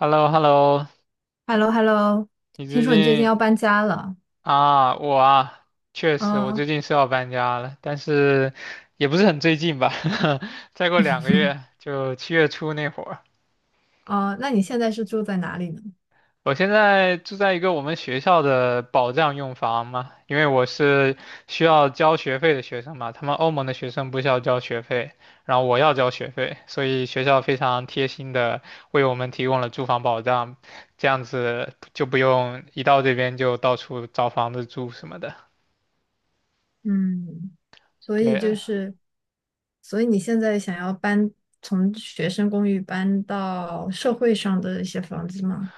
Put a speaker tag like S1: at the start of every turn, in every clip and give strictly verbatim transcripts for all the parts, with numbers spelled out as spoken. S1: h e l l o h e l l o
S2: h e l l o h e l l o
S1: 你
S2: 听
S1: 最
S2: 说你最近要
S1: 近
S2: 搬家了。
S1: 啊，我啊，确实，我最
S2: 嗯。
S1: 近是要搬家了，但是也不是很最近吧，再过两个月 就七月初那会儿。
S2: 嗯，那你现在是住在哪里呢？
S1: 我现在住在一个我们学校的保障用房嘛，因为我是需要交学费的学生嘛，他们欧盟的学生不需要交学费，然后我要交学费，所以学校非常贴心的为我们提供了住房保障，这样子就不用一到这边就到处找房子住什么的。
S2: 嗯，所以就
S1: 对，
S2: 是，所以你现在想要搬，从学生公寓搬到社会上的一些房子吗？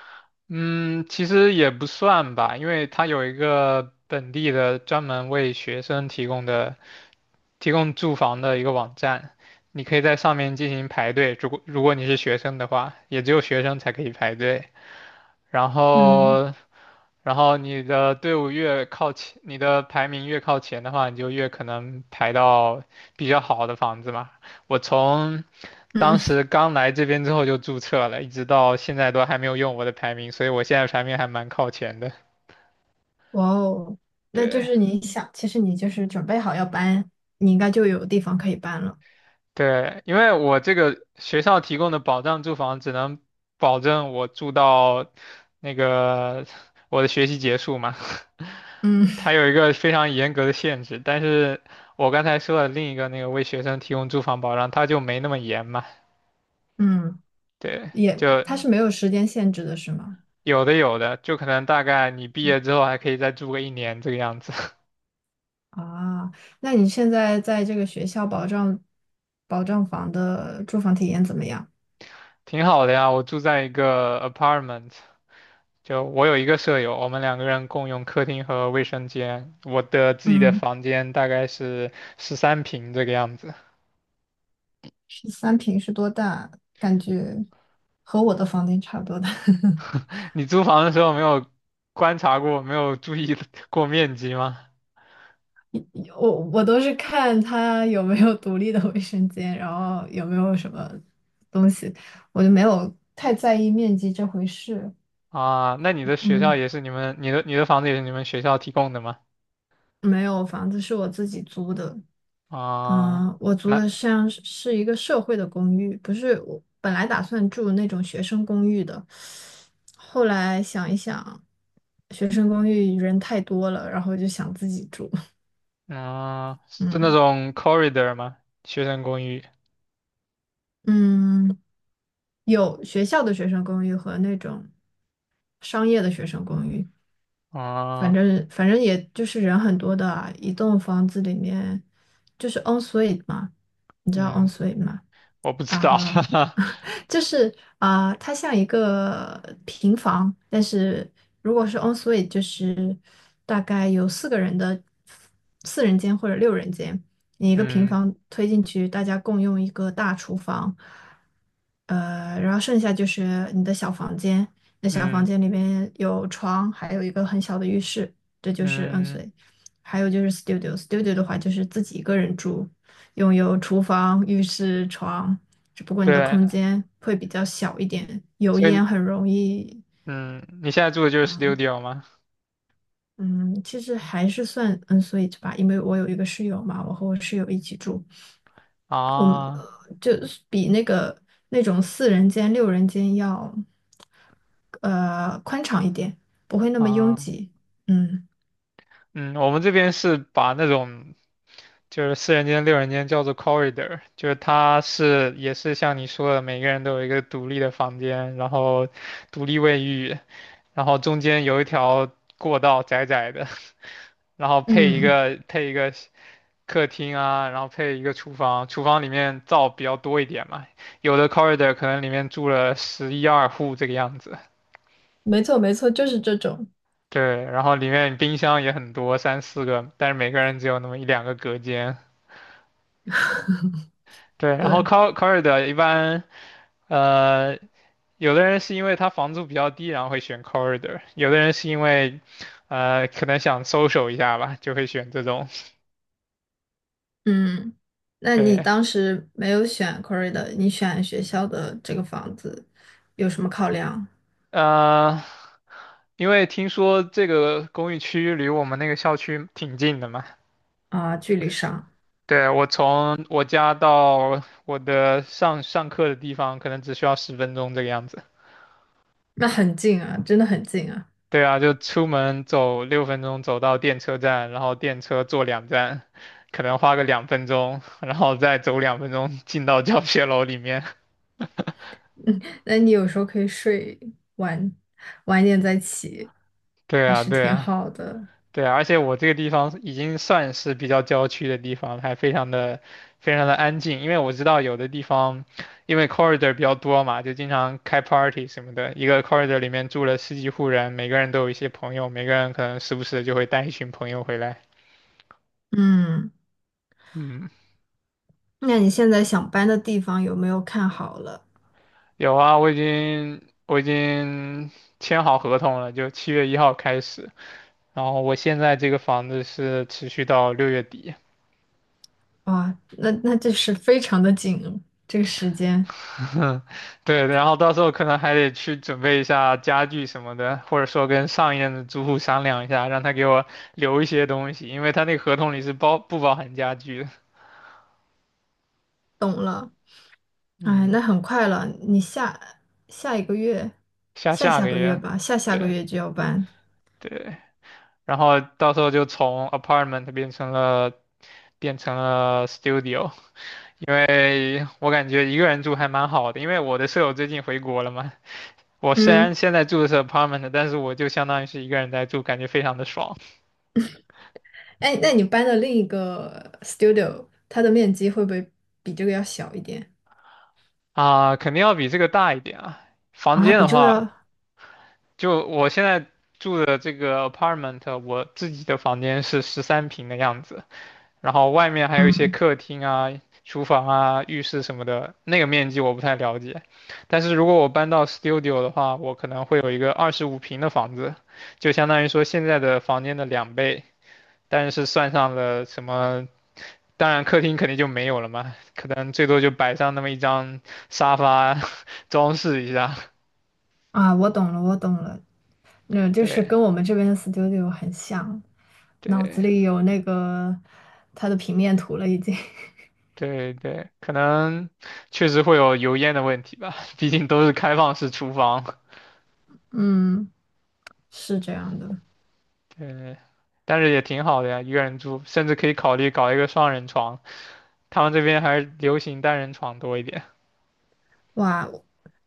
S1: 嗯，其实也不算吧，因为它有一个本地的专门为学生提供的提供住房的一个网站，你可以在上面进行排队。如果如果你是学生的话，也只有学生才可以排队。然
S2: 嗯
S1: 后然后你的队伍越靠前，你的排名越靠前的话，你就越可能排到比较好的房子嘛。我从当
S2: 嗯，
S1: 时刚来这边之后就注册了，一直到现在都还没有用我的排名，所以我现在排名还蛮靠前的。
S2: 哇哦，那就
S1: 对，
S2: 是你想，其实你就是准备好要搬，你应该就有地方可以搬了。
S1: 对，因为我这个学校提供的保障住房只能保证我住到那个我的学习结束嘛，
S2: 嗯
S1: 它有一个非常严格的限制。但是我刚才说的另一个那个为学生提供住房保障，它就没那么严嘛。
S2: 嗯，
S1: 对，
S2: 也，
S1: 就
S2: 它是没有时间限制的，是吗？
S1: 有的有的，就可能大概你毕业之后还可以再住个一年这个样子，
S2: 啊，那你现在在这个学校保障保障房的住房体验怎么样？
S1: 挺好的呀。我住在一个 apartment。就我有一个舍友，我们两个人共用客厅和卫生间。我的自己的
S2: 嗯，
S1: 房间大概是十三平这个样子。
S2: 十三平是多大？感觉和我的房间差不多大。
S1: 你租房的时候没有观察过，没有注意 过面积吗？
S2: 我我都是看它有没有独立的卫生间，然后有没有什么东西，我就没有太在意面积这回事。
S1: 啊，那你的学校
S2: 嗯，
S1: 也是你们，你的你的房子也是你们学校提供的吗？
S2: 没有，房子是我自己租的。
S1: 啊，
S2: 嗯，呃我租的
S1: 那
S2: 像是是一个社会的公寓，不是我本来打算住那种学生公寓的，后来想一想，学生公寓人太多了，然后就想自己住。
S1: 嗯，是那
S2: 嗯
S1: 种 corridor 吗？学生公寓？
S2: 嗯，有学校的学生公寓和那种商业的学生公寓，反
S1: 啊，
S2: 正反正也就是人很多的啊一栋房子里面就是 o n suite 嘛，你知道 o n
S1: 嗯，
S2: suite 吗？
S1: 我不知道。
S2: 啊，就是啊，呃它像一个平房，但是如果是 en suite,就是大概有四个人的四人间或者六人间，你一个平
S1: 嗯
S2: 房推进去，大家共用一个大厨房。呃，然后剩下就是你的小房间，那小房
S1: 嗯
S2: 间里面有床，还有一个很小的浴室，这就是 en
S1: 嗯，
S2: suite。还有就是 studio，studio 的话就是自己一个人住，拥有厨房、浴室、床。只不过你的空
S1: 对。
S2: 间会比较小一点，油
S1: 所以
S2: 烟很容易。
S1: 嗯，你现在住的就是 studio 吗？
S2: 嗯，其实还是算嗯，所以吧，因为我有一个室友嘛，我和我室友一起住，
S1: 啊
S2: 就是比那个那种四人间、六人间要呃宽敞一点，不会那么拥
S1: 啊，
S2: 挤。嗯。
S1: 嗯，我们这边是把那种就是四人间、六人间叫做 corridor，就是它是也是像你说的，每个人都有一个独立的房间，然后独立卫浴，然后中间有一条过道窄窄的，然后配一
S2: 嗯，
S1: 个配一个客厅啊，然后配一个厨房，厨房里面灶比较多一点嘛，有的 corridor 可能里面住了十一二户这个样子。
S2: 没错没错，就是这种。
S1: 对，然后里面冰箱也很多，三四个，但是每个人只有那么一两个隔间。对，然后
S2: 对。
S1: cor r i d o r 一般，呃，有的人是因为他房租比较低，然后会选 corridor，有的人是因为，呃，可能想 s o 一下吧，就会选这种。
S2: 嗯，那你
S1: 对，
S2: 当时没有选 Corrida,你选学校的这个房子有什么考量？
S1: 呃，因为听说这个公寓区离我们那个校区挺近的嘛。
S2: 啊？距离上？
S1: 对，我从我家到我的上上课的地方，可能只需要十分钟这个样子。
S2: 那很近啊，真的很近啊。
S1: 对啊，就出门走六分钟走到电车站，然后电车坐两站，可能花个两分钟，然后再走两分钟进到教学楼里面。
S2: 那你有时候可以睡晚晚一点再起，
S1: 对
S2: 还
S1: 啊，
S2: 是
S1: 对
S2: 挺
S1: 啊，
S2: 好的。
S1: 对啊，而且我这个地方已经算是比较郊区的地方了，还非常的非常的安静，因为我知道有的地方因为 corridor 比较多嘛，就经常开 party 什么的，一个 corridor 里面住了十几户人，每个人都有一些朋友，每个人可能时不时地就会带一群朋友回来。
S2: 嗯，
S1: 嗯。
S2: 那你现在想搬的地方有没有看好了？
S1: 有啊，我已经我已经签好合同了，就七月一号开始。然后我现在这个房子是持续到六月底，
S2: 哇，那那这是非常的紧哦这个时间。
S1: 对，然后到时候可能还得去准备一下家具什么的，或者说跟上一任的租户商量一下，让他给我留一些东西，因为他那个合同里是包不包含家具的。
S2: 懂了。哎，
S1: 嗯，
S2: 那很快了，你下下一个月，
S1: 下
S2: 下
S1: 下
S2: 下
S1: 个
S2: 个月
S1: 月，
S2: 吧，下下个
S1: 对
S2: 月就要搬。
S1: 对，然后到时候就从 apartment 变成了变成了 studio。因为我感觉一个人住还蛮好的，因为我的舍友最近回国了嘛。我虽然
S2: 嗯。
S1: 现在住的是 apartment，但是我就相当于是一个人在住，感觉非常的爽。
S2: 哎，那你搬的另一个 studio,它的面积会不会比这个要小一点？
S1: 啊，肯定要比这个大一点啊。房
S2: 啊，
S1: 间
S2: 比
S1: 的
S2: 这个要
S1: 话，就我现在住的这个 apartment，我自己的房间是十三平的样子，然后外面还有一些
S2: 嗯
S1: 客厅啊、厨房啊、浴室什么的，那个面积我不太了解。但是如果我搬到 studio 的话，我可能会有一个二十五平的房子，就相当于说现在的房间的两倍，但是算上了什么，当然客厅肯定就没有了嘛，可能最多就摆上那么一张沙发 装饰一下。
S2: 啊，我懂了，我懂了，那就是
S1: 对
S2: 跟我们这边的 studio 很像，脑
S1: 对
S2: 子里有那个它的平面图了已经。
S1: 对对，可能确实会有油烟的问题吧，毕竟都是开放式厨房。
S2: 嗯，是这样的。
S1: 对。但是也挺好的呀，一个人住，甚至可以考虑搞一个双人床。他们这边还是流行单人床多一点
S2: 哇，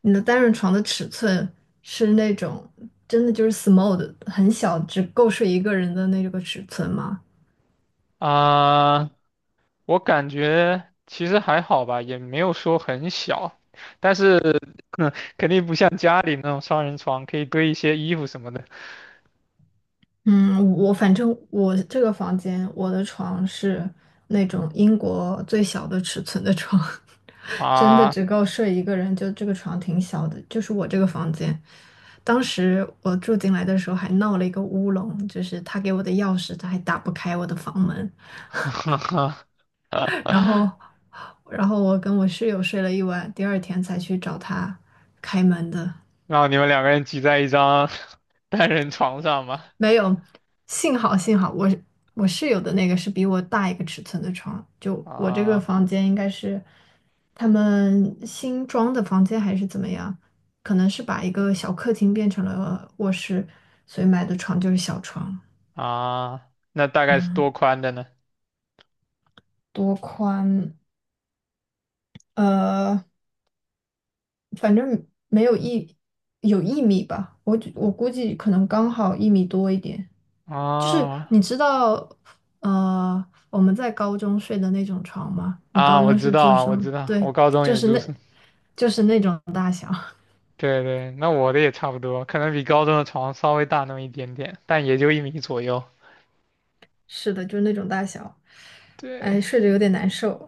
S2: 你的单人床的尺寸是那种真的就是 small 的，很小，只够睡一个人的那个尺寸吗？
S1: 啊。我感觉其实还好吧，也没有说很小，但是 嗯肯定不像家里那种双人床，可以堆一些衣服什么的
S2: 嗯，我反正我这个房间，我的床是那种英国最小的尺寸的床。真的
S1: 啊。
S2: 只够睡一个人，就这个床挺小的，就是我这个房间。当时我住进来的时候还闹了一个乌龙，就是他给我的钥匙他还打不开我的房门，然后，然后我跟我室友睡了一晚，第二天才去找他开门的。
S1: 然后你们两个人挤在一张 单人床上嘛？
S2: 没有，幸好幸好我我室友的那个是比我大一个尺寸的床，就我这个
S1: 啊
S2: 房间应该是他们新装的房间还是怎么样？可能是把一个小客厅变成了卧室，所以买的床就是小床。
S1: 啊，那大概是
S2: 嗯，
S1: 多宽的呢？
S2: 多宽？呃，反正没有一有一米吧，我觉我估计可能刚好一米多一点。就是
S1: 啊，
S2: 你知道，呃，我们在高中睡的那种床吗？你高
S1: 啊，我
S2: 中
S1: 知
S2: 是
S1: 道
S2: 做
S1: 啊，
S2: 什
S1: 我
S2: 么？
S1: 知道，
S2: 对，
S1: 我高中
S2: 就
S1: 也
S2: 是
S1: 住宿。
S2: 那，就是那种，
S1: 对对，那我的也差不多，可能比高中的床稍微大那么一点点，但也就一米左右。
S2: 是的，就是那种大小。
S1: 对，
S2: 哎，睡着有点难受，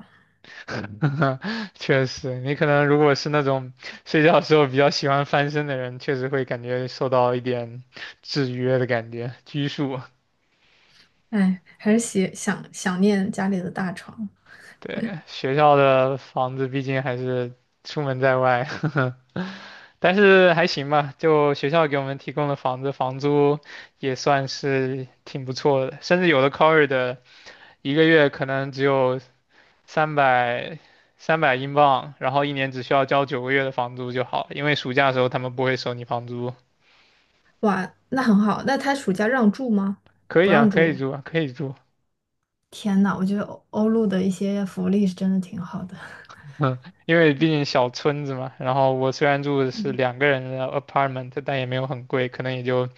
S1: 确实，你可能如果是那种睡觉的时候比较喜欢翻身的人，确实会感觉受到一点制约的感觉，拘束。
S2: 哎，还是喜想想念家里的大床。
S1: 对，学校的房子毕竟还是出门在外。但是还行吧，就学校给我们提供的房子，房租也算是挺不错的，甚至有的 college 的一个月可能只有三百三百英镑，然后一年只需要交九个月的房租就好，因为暑假的时候他们不会收你房租。
S2: 哇，那很好。那他暑假让住吗？
S1: 可
S2: 不
S1: 以啊，
S2: 让
S1: 可以
S2: 住。
S1: 住啊，可以住，
S2: 天呐，我觉得欧欧陆的一些福利是真的挺好的。
S1: 嗯，因为毕竟小村子嘛。然后我虽然住的 是
S2: 嗯
S1: 两个人的 apartment，但也没有很贵，可能也就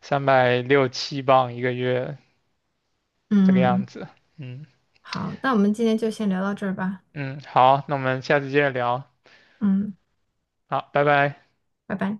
S1: 三百六七镑一个月这个样
S2: 嗯，
S1: 子，嗯。
S2: 好，那我们今天就先聊到这儿吧。
S1: 嗯，好，那我们下次接着聊。
S2: 嗯，
S1: 好，拜拜。
S2: 拜拜。